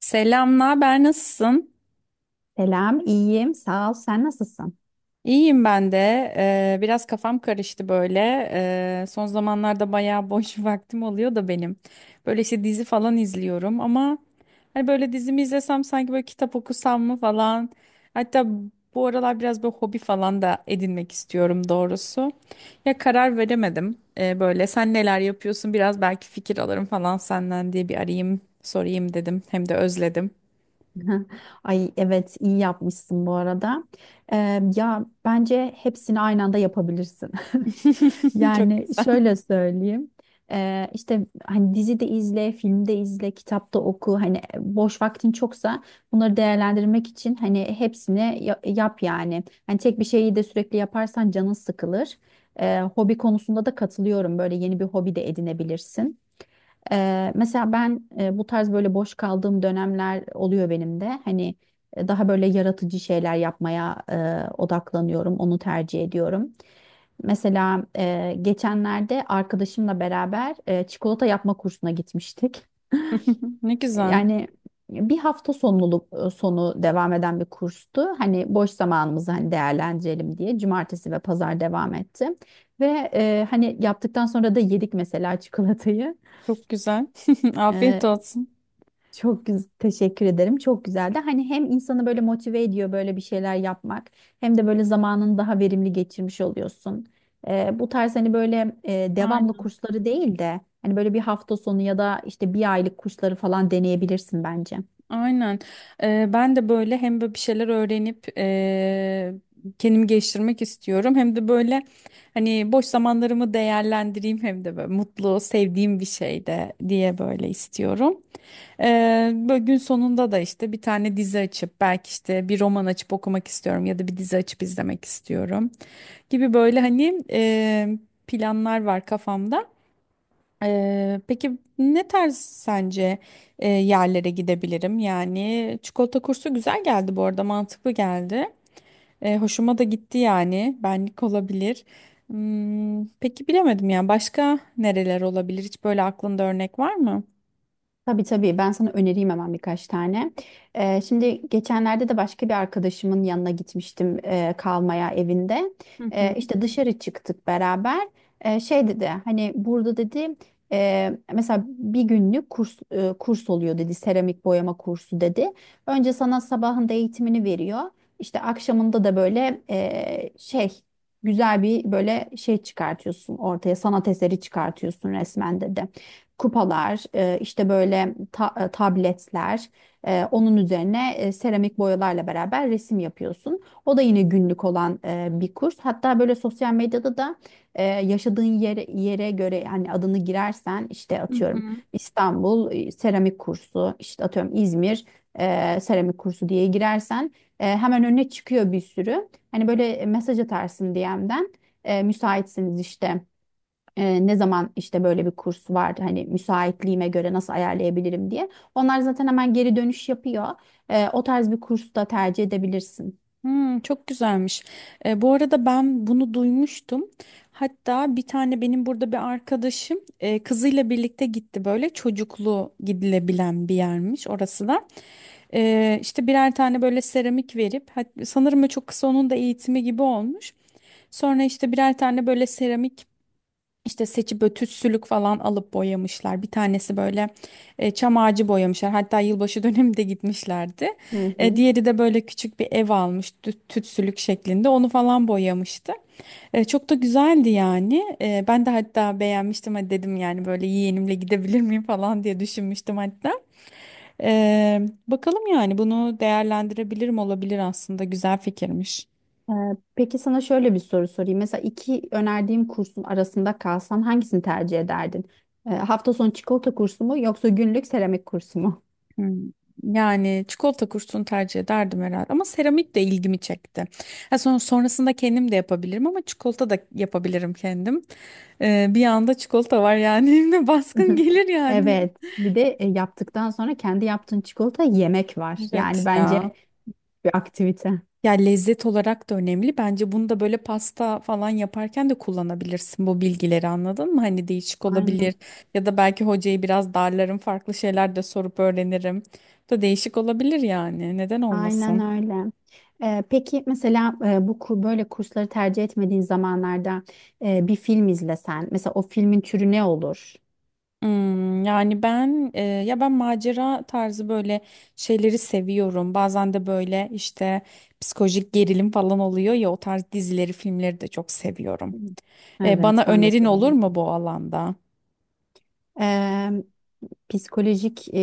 Selam, naber, nasılsın? Selam, iyiyim. Sağ ol. Sen nasılsın? İyiyim ben de. Biraz kafam karıştı böyle. Son zamanlarda bayağı boş vaktim oluyor da benim. Böyle işte dizi falan izliyorum ama hani böyle dizimi izlesem sanki böyle kitap okusam mı falan. Hatta bu aralar biraz böyle hobi falan da edinmek istiyorum doğrusu. Ya karar veremedim. Böyle sen neler yapıyorsun biraz belki fikir alırım falan senden diye bir arayayım sorayım dedim. Hem de özledim. Ay evet, iyi yapmışsın bu arada. Ya bence hepsini aynı anda yapabilirsin. Çok Yani güzel. şöyle söyleyeyim. İşte hani dizide izle, filmde izle, kitapta oku. Hani boş vaktin çoksa bunları değerlendirmek için hani hepsini yap yani. Hani tek bir şeyi de sürekli yaparsan canın sıkılır. Hobi konusunda da katılıyorum. Böyle yeni bir hobi de edinebilirsin. Mesela ben bu tarz böyle boş kaldığım dönemler oluyor benim de. Hani daha böyle yaratıcı şeyler yapmaya odaklanıyorum, onu tercih ediyorum. Mesela geçenlerde arkadaşımla beraber çikolata yapma kursuna gitmiştik. Ne güzel. Yani bir hafta sonu devam eden bir kurstu. Hani boş zamanımızı hani değerlendirelim diye cumartesi ve pazar devam etti. Ve hani yaptıktan sonra da yedik mesela çikolatayı. Çok güzel. Afiyet olsun. Teşekkür ederim. Çok güzeldi. Hani hem insanı böyle motive ediyor böyle bir şeyler yapmak hem de böyle zamanını daha verimli geçirmiş oluyorsun. Bu tarz hani böyle devamlı Aynen. kursları değil de hani böyle bir hafta sonu ya da işte bir aylık kursları falan deneyebilirsin bence. Aynen. Ben de böyle hem böyle bir şeyler öğrenip kendimi geliştirmek istiyorum. Hem de böyle hani boş zamanlarımı değerlendireyim hem de böyle mutlu, sevdiğim bir şey de diye böyle istiyorum. Böyle gün sonunda da işte bir tane dizi açıp belki işte bir roman açıp okumak istiyorum ya da bir dizi açıp izlemek istiyorum gibi böyle hani planlar var kafamda. Peki ne tarz sence yerlere gidebilirim? Yani çikolata kursu güzel geldi bu arada mantıklı geldi. E, hoşuma da gitti yani benlik olabilir. Hmm, peki bilemedim ya başka nereler olabilir? Hiç böyle aklında örnek var mı? Tabii tabii ben sana önereyim hemen birkaç tane. Şimdi geçenlerde de başka bir arkadaşımın yanına gitmiştim kalmaya evinde. Hı hı. İşte dışarı çıktık beraber. Şey dedi hani burada dedi mesela bir günlük kurs oluyor dedi, seramik boyama kursu dedi. Önce sana sabahında eğitimini veriyor. İşte akşamında da böyle şey, güzel bir böyle şey çıkartıyorsun ortaya, sanat eseri çıkartıyorsun resmen dedi, kupalar, işte böyle tabletler, onun üzerine seramik boyalarla beraber resim yapıyorsun. O da yine günlük olan bir kurs. Hatta böyle sosyal medyada da yaşadığın yere göre, yani adını girersen işte Hı atıyorum hı. İstanbul seramik kursu, işte atıyorum İzmir seramik kursu diye girersen hemen önüne çıkıyor bir sürü. Hani böyle mesaj atarsın DM'den, müsaitsiniz işte, ne zaman işte böyle bir kurs var, hani müsaitliğime göre nasıl ayarlayabilirim diye. Onlar zaten hemen geri dönüş yapıyor. O tarz bir kurs da tercih edebilirsin. Hmm, çok güzelmiş. E, bu arada ben bunu duymuştum. Hatta bir tane benim burada bir arkadaşım kızıyla birlikte gitti böyle çocuklu gidilebilen bir yermiş orası da. E, işte birer tane böyle seramik verip sanırım o çok kısa onun da eğitimi gibi olmuş. Sonra işte birer tane böyle seramik işte seçip böyle tütsülük falan alıp boyamışlar. Bir tanesi böyle çam ağacı boyamışlar. Hatta yılbaşı döneminde gitmişlerdi. Hı E, hı. diğeri de böyle küçük bir ev almış tütsülük şeklinde. Onu falan boyamıştı. E, çok da güzeldi yani. E, ben de hatta beğenmiştim. Hadi dedim yani böyle yeğenimle gidebilir miyim falan diye düşünmüştüm hatta. E, Bakalım yani bunu değerlendirebilirim olabilir aslında. Güzel fikirmiş. E, peki sana şöyle bir soru sorayım. Mesela iki önerdiğim kursun arasında kalsan hangisini tercih ederdin? Hafta sonu çikolata kursu mu yoksa günlük seramik kursu mu? Hmm, yani çikolata kursunu tercih ederdim herhalde ama seramik de ilgimi çekti. Ha, sonrasında kendim de yapabilirim ama çikolata da yapabilirim kendim. Bir anda çikolata var yani evime baskın gelir yani. Evet, bir de yaptıktan sonra kendi yaptığın çikolata yemek var. Yani Evet bence ya. bir aktivite. Ya lezzet olarak da önemli. Bence bunu da böyle pasta falan yaparken de kullanabilirsin bu bilgileri anladın mı? Hani değişik olabilir Aynen. ya da belki hocayı biraz darlarım farklı şeyler de sorup öğrenirim. Bu da değişik olabilir yani neden Aynen olmasın? öyle. Peki mesela, bu böyle kursları tercih etmediğin zamanlarda bir film izlesen, mesela o filmin türü ne olur? Hmm, yani ya ben macera tarzı böyle şeyleri seviyorum. Bazen de böyle işte psikolojik gerilim falan oluyor ya o tarz dizileri, filmleri de çok seviyorum. Hı. E, Evet, bana ben de önerin olur severim. mu bu alanda? Ee, Psikolojik e,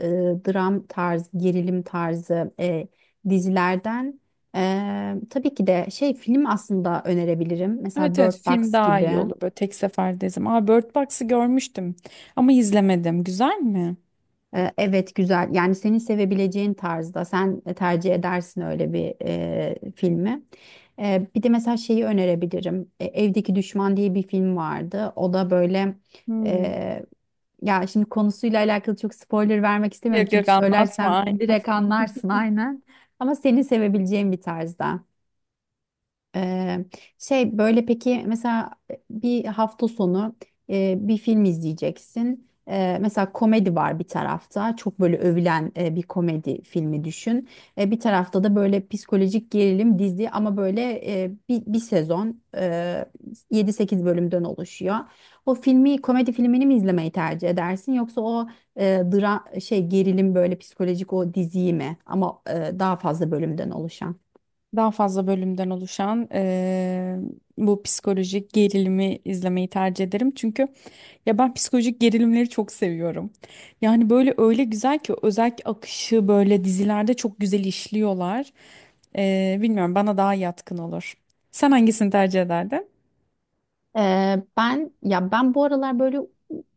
e, dram tarzı, gerilim tarzı dizilerden tabii ki de şey, film aslında önerebilirim. Mesela Evet, evet. Bird Film Box daha gibi. iyi olur böyle tek seferde izlerim. Aa Bird Box'ı görmüştüm ama izlemedim. Güzel mi? Evet, güzel, yani senin sevebileceğin tarzda, sen tercih edersin öyle bir filmi. Bir de mesela şeyi önerebilirim. Evdeki Düşman diye bir film vardı. O da böyle Hmm. e, ya şimdi konusuyla alakalı çok spoiler vermek istemiyorum, Yok yok çünkü anlatma söylersem aynen. direkt anlarsın aynen. Ama senin sevebileceğin bir tarzda. Eee, Şey, böyle peki mesela bir hafta sonu bir film izleyeceksin. Mesela komedi var bir tarafta. Çok böyle övülen bir komedi filmi düşün. Bir tarafta da böyle psikolojik gerilim dizi, ama böyle bir sezon, 7-8 bölümden oluşuyor. O filmi, komedi filmini mi izlemeyi tercih edersin, yoksa o dra şey gerilim, böyle psikolojik o diziyi mi? Ama daha fazla bölümden oluşan. Daha fazla bölümden oluşan bu psikolojik gerilimi izlemeyi tercih ederim. Çünkü ya ben psikolojik gerilimleri çok seviyorum. Yani böyle öyle güzel ki özellikle akışı böyle dizilerde çok güzel işliyorlar. Bilmiyorum bana daha yatkın olur. Sen hangisini tercih ederdin? Ben, bu aralar böyle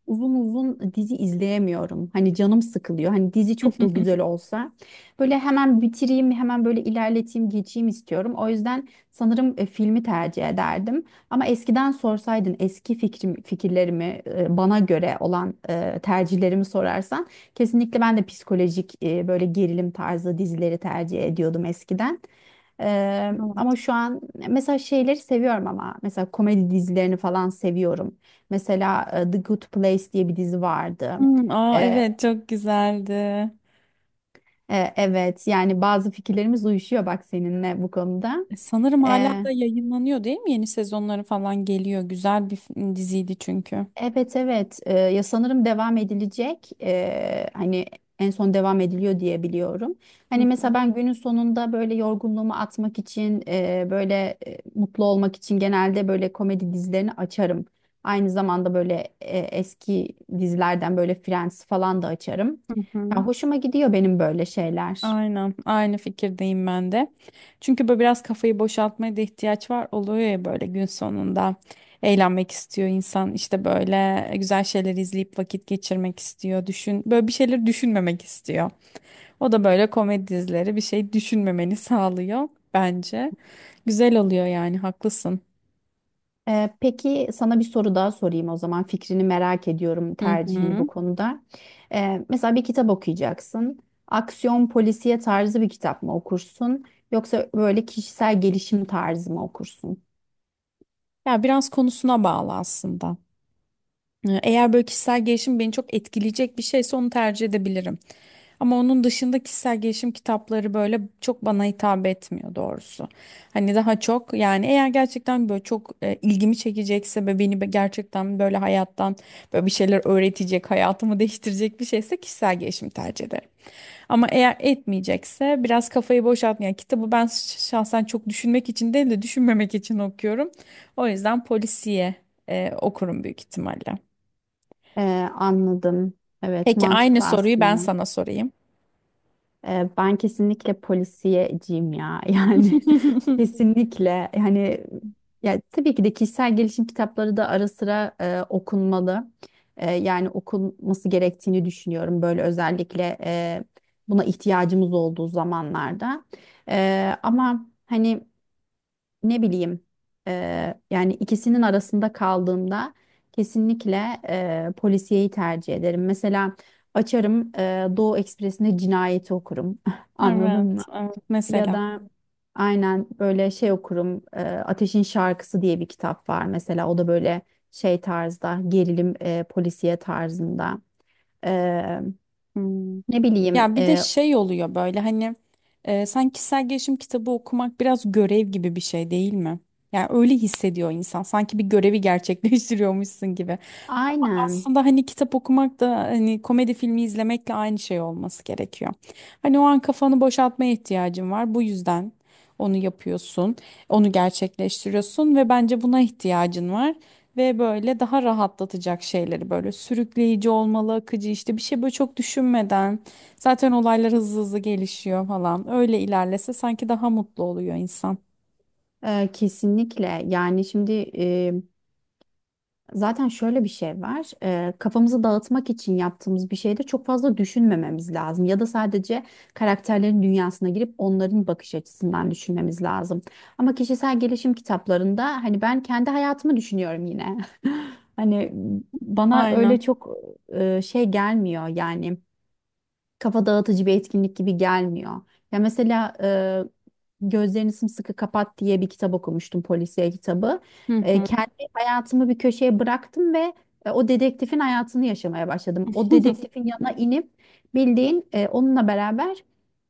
uzun uzun dizi izleyemiyorum. Hani canım sıkılıyor. Hani dizi çok da güzel olsa, böyle hemen bitireyim, hemen böyle ilerleteyim, geçeyim istiyorum. O yüzden sanırım filmi tercih ederdim. Ama eskiden sorsaydın, eski fikirlerimi, bana göre olan tercihlerimi sorarsan, kesinlikle ben de psikolojik, böyle gerilim tarzı dizileri tercih ediyordum eskiden. Ama Evet. şu an mesela şeyleri seviyorum, ama mesela komedi dizilerini falan seviyorum. Mesela The Good Place diye bir dizi vardı. Hmm, aa Ee, evet çok güzeldi. Evet, yani bazı fikirlerimiz uyuşuyor bak seninle bu konuda. E, sanırım hala da yayınlanıyor değil mi? Yeni sezonları falan geliyor. Güzel bir diziydi çünkü. Evet, evet. Ya sanırım devam edilecek. Hani en son devam ediliyor diye biliyorum. Hı Hani mesela hı. ben günün sonunda böyle yorgunluğumu atmak için, böyle mutlu olmak için genelde böyle komedi dizilerini açarım. Aynı zamanda böyle eski dizilerden böyle Friends falan da açarım. Hı hı. Ya hoşuma gidiyor benim böyle şeyler. Aynen, aynı fikirdeyim ben de. Çünkü böyle biraz kafayı boşaltmaya da ihtiyaç var. Oluyor ya böyle gün sonunda eğlenmek istiyor insan. İşte böyle güzel şeyler izleyip vakit geçirmek istiyor. Düşün, böyle bir şeyler düşünmemek istiyor. O da böyle komedi dizileri bir şey düşünmemeni sağlıyor bence. Güzel oluyor yani, haklısın. Peki sana bir soru daha sorayım o zaman. Fikrini merak ediyorum, Hı tercihini bu hı. konuda. Mesela bir kitap okuyacaksın. Aksiyon polisiye tarzı bir kitap mı okursun? Yoksa böyle kişisel gelişim tarzı mı okursun? Ya biraz konusuna bağlı aslında. Eğer böyle kişisel gelişim beni çok etkileyecek bir şeyse onu tercih edebilirim. Ama onun dışında kişisel gelişim kitapları böyle çok bana hitap etmiyor doğrusu. Hani daha çok yani eğer gerçekten böyle çok ilgimi çekecekse ve beni gerçekten böyle hayattan böyle bir şeyler öğretecek, hayatımı değiştirecek bir şeyse kişisel gelişim tercih ederim. Ama eğer etmeyecekse biraz kafayı boşaltmayan kitabı ben şahsen çok düşünmek için değil de düşünmemek için okuyorum. O yüzden polisiye okurum büyük ihtimalle. Ee, Anladım. Evet, Peki aynı mantıklı soruyu ben aslında. sana sorayım. Ben kesinlikle polisiyeciyim ya. Yani kesinlikle hani, ya tabii ki de kişisel gelişim kitapları da ara sıra okunmalı. Yani okunması gerektiğini düşünüyorum. Böyle özellikle buna ihtiyacımız olduğu zamanlarda. Ama hani, ne bileyim yani ikisinin arasında kaldığımda kesinlikle polisiyeyi tercih ederim. Mesela açarım Doğu Ekspresi'nde cinayeti okurum. Anladın mı? Evet, evet. Ya Mesela. da aynen böyle şey okurum. Ateşin Şarkısı diye bir kitap var mesela. O da böyle şey tarzda, gerilim polisiye tarzında. Eee, Hmm. Ne bileyim, Ya bir de şey oluyor böyle hani sanki kişisel gelişim kitabı okumak biraz görev gibi bir şey değil mi? Yani öyle hissediyor insan. Sanki bir görevi gerçekleştiriyormuşsun gibi. aynen, Aslında hani kitap okumak da hani komedi filmi izlemekle aynı şey olması gerekiyor. Hani o an kafanı boşaltmaya ihtiyacın var. Bu yüzden onu yapıyorsun, onu gerçekleştiriyorsun ve bence buna ihtiyacın var. Ve böyle daha rahatlatacak şeyleri böyle sürükleyici olmalı, akıcı işte bir şey böyle çok düşünmeden zaten olaylar hızlı hızlı gelişiyor falan. Öyle ilerlese sanki daha mutlu oluyor insan. Kesinlikle. Yani şimdi zaten şöyle bir şey var. Kafamızı dağıtmak için yaptığımız bir şeyde çok fazla düşünmememiz lazım. Ya da sadece karakterlerin dünyasına girip onların bakış açısından düşünmemiz lazım. Ama kişisel gelişim kitaplarında hani ben kendi hayatımı düşünüyorum yine. Hani bana öyle Aynen. çok şey gelmiyor, yani kafa dağıtıcı bir etkinlik gibi gelmiyor. Ya mesela Gözlerini Sımsıkı Kapat diye bir kitap okumuştum, polisiye kitabı. Hı hı. Kendi hayatımı bir köşeye bıraktım ve o dedektifin hayatını yaşamaya başladım. O dedektifin yanına inip, bildiğin onunla beraber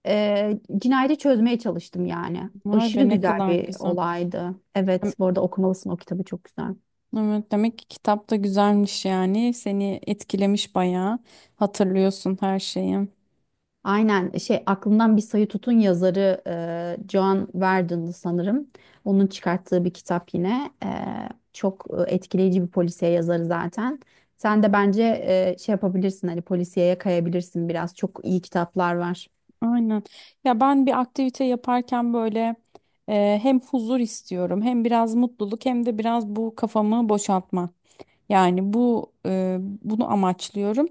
cinayeti çözmeye çalıştım yani. Vay be Aşırı ne güzel kadar bir güzel. olaydı. Evet, bu arada okumalısın o kitabı, çok güzel. Evet, demek ki kitap da güzelmiş yani. Seni etkilemiş bayağı. Hatırlıyorsun her şeyi. Aynen, şey, aklımdan bir sayı tutun yazarı John Verdon'dı sanırım. Onun çıkarttığı bir kitap yine. Çok etkileyici bir polisiye yazarı zaten. Sen de bence şey yapabilirsin, hani polisiyeye kayabilirsin biraz. Çok iyi kitaplar var. Aynen. Ya ben bir aktivite yaparken böyle hem huzur istiyorum, hem biraz mutluluk, hem de biraz bu kafamı boşaltma. Yani bunu amaçlıyorum.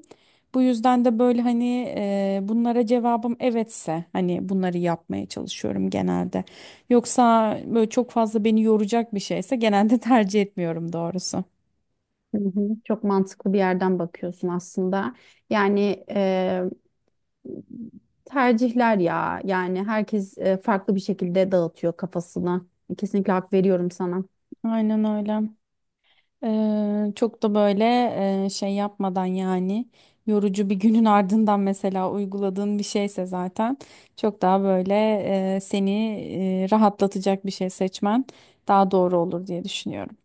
Bu yüzden de böyle hani bunlara cevabım evetse hani bunları yapmaya çalışıyorum genelde. Yoksa böyle çok fazla beni yoracak bir şeyse genelde tercih etmiyorum doğrusu. Hı hı. Çok mantıklı bir yerden bakıyorsun aslında. Yani tercihler ya. Yani herkes farklı bir şekilde dağıtıyor kafasını. Kesinlikle hak veriyorum sana. Aynen öyle. Çok da böyle şey yapmadan yani yorucu bir günün ardından mesela uyguladığın bir şeyse zaten çok daha böyle seni rahatlatacak bir şey seçmen daha doğru olur diye düşünüyorum.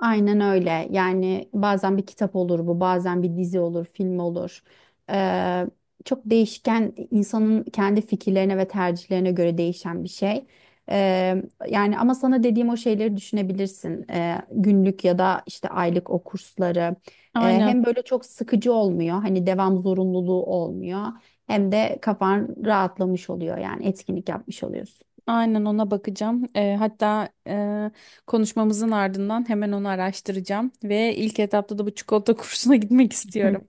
Aynen öyle. Yani bazen bir kitap olur bu, bazen bir dizi olur, film olur. Ee, Çok değişken, insanın kendi fikirlerine ve tercihlerine göre değişen bir şey. Ee, Yani ama sana dediğim o şeyleri düşünebilirsin. Günlük ya da işte aylık o kursları. Aynen, Hem böyle çok sıkıcı olmuyor, hani devam zorunluluğu olmuyor. Hem de kafan rahatlamış oluyor, yani etkinlik yapmış oluyorsun. aynen ona bakacağım. Hatta konuşmamızın ardından hemen onu araştıracağım ve ilk etapta da bu çikolata kursuna gitmek Hı. istiyorum.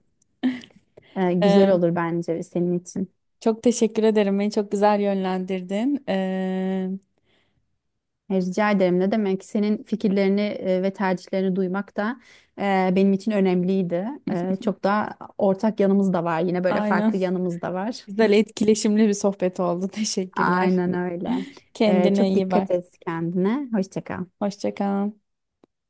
Güzel Eee, olur bence senin için. Çok teşekkür ederim. Beni çok güzel yönlendirdin. Rica ederim. Ne demek? Senin fikirlerini ve tercihlerini duymak da benim için önemliydi. Çok da ortak yanımız da var. Yine böyle Aynen. farklı yanımız da var. Güzel etkileşimli bir sohbet oldu. Teşekkürler. Aynen öyle. Kendine Çok iyi dikkat bak. et kendine. Hoşça kal. Hoşça kal.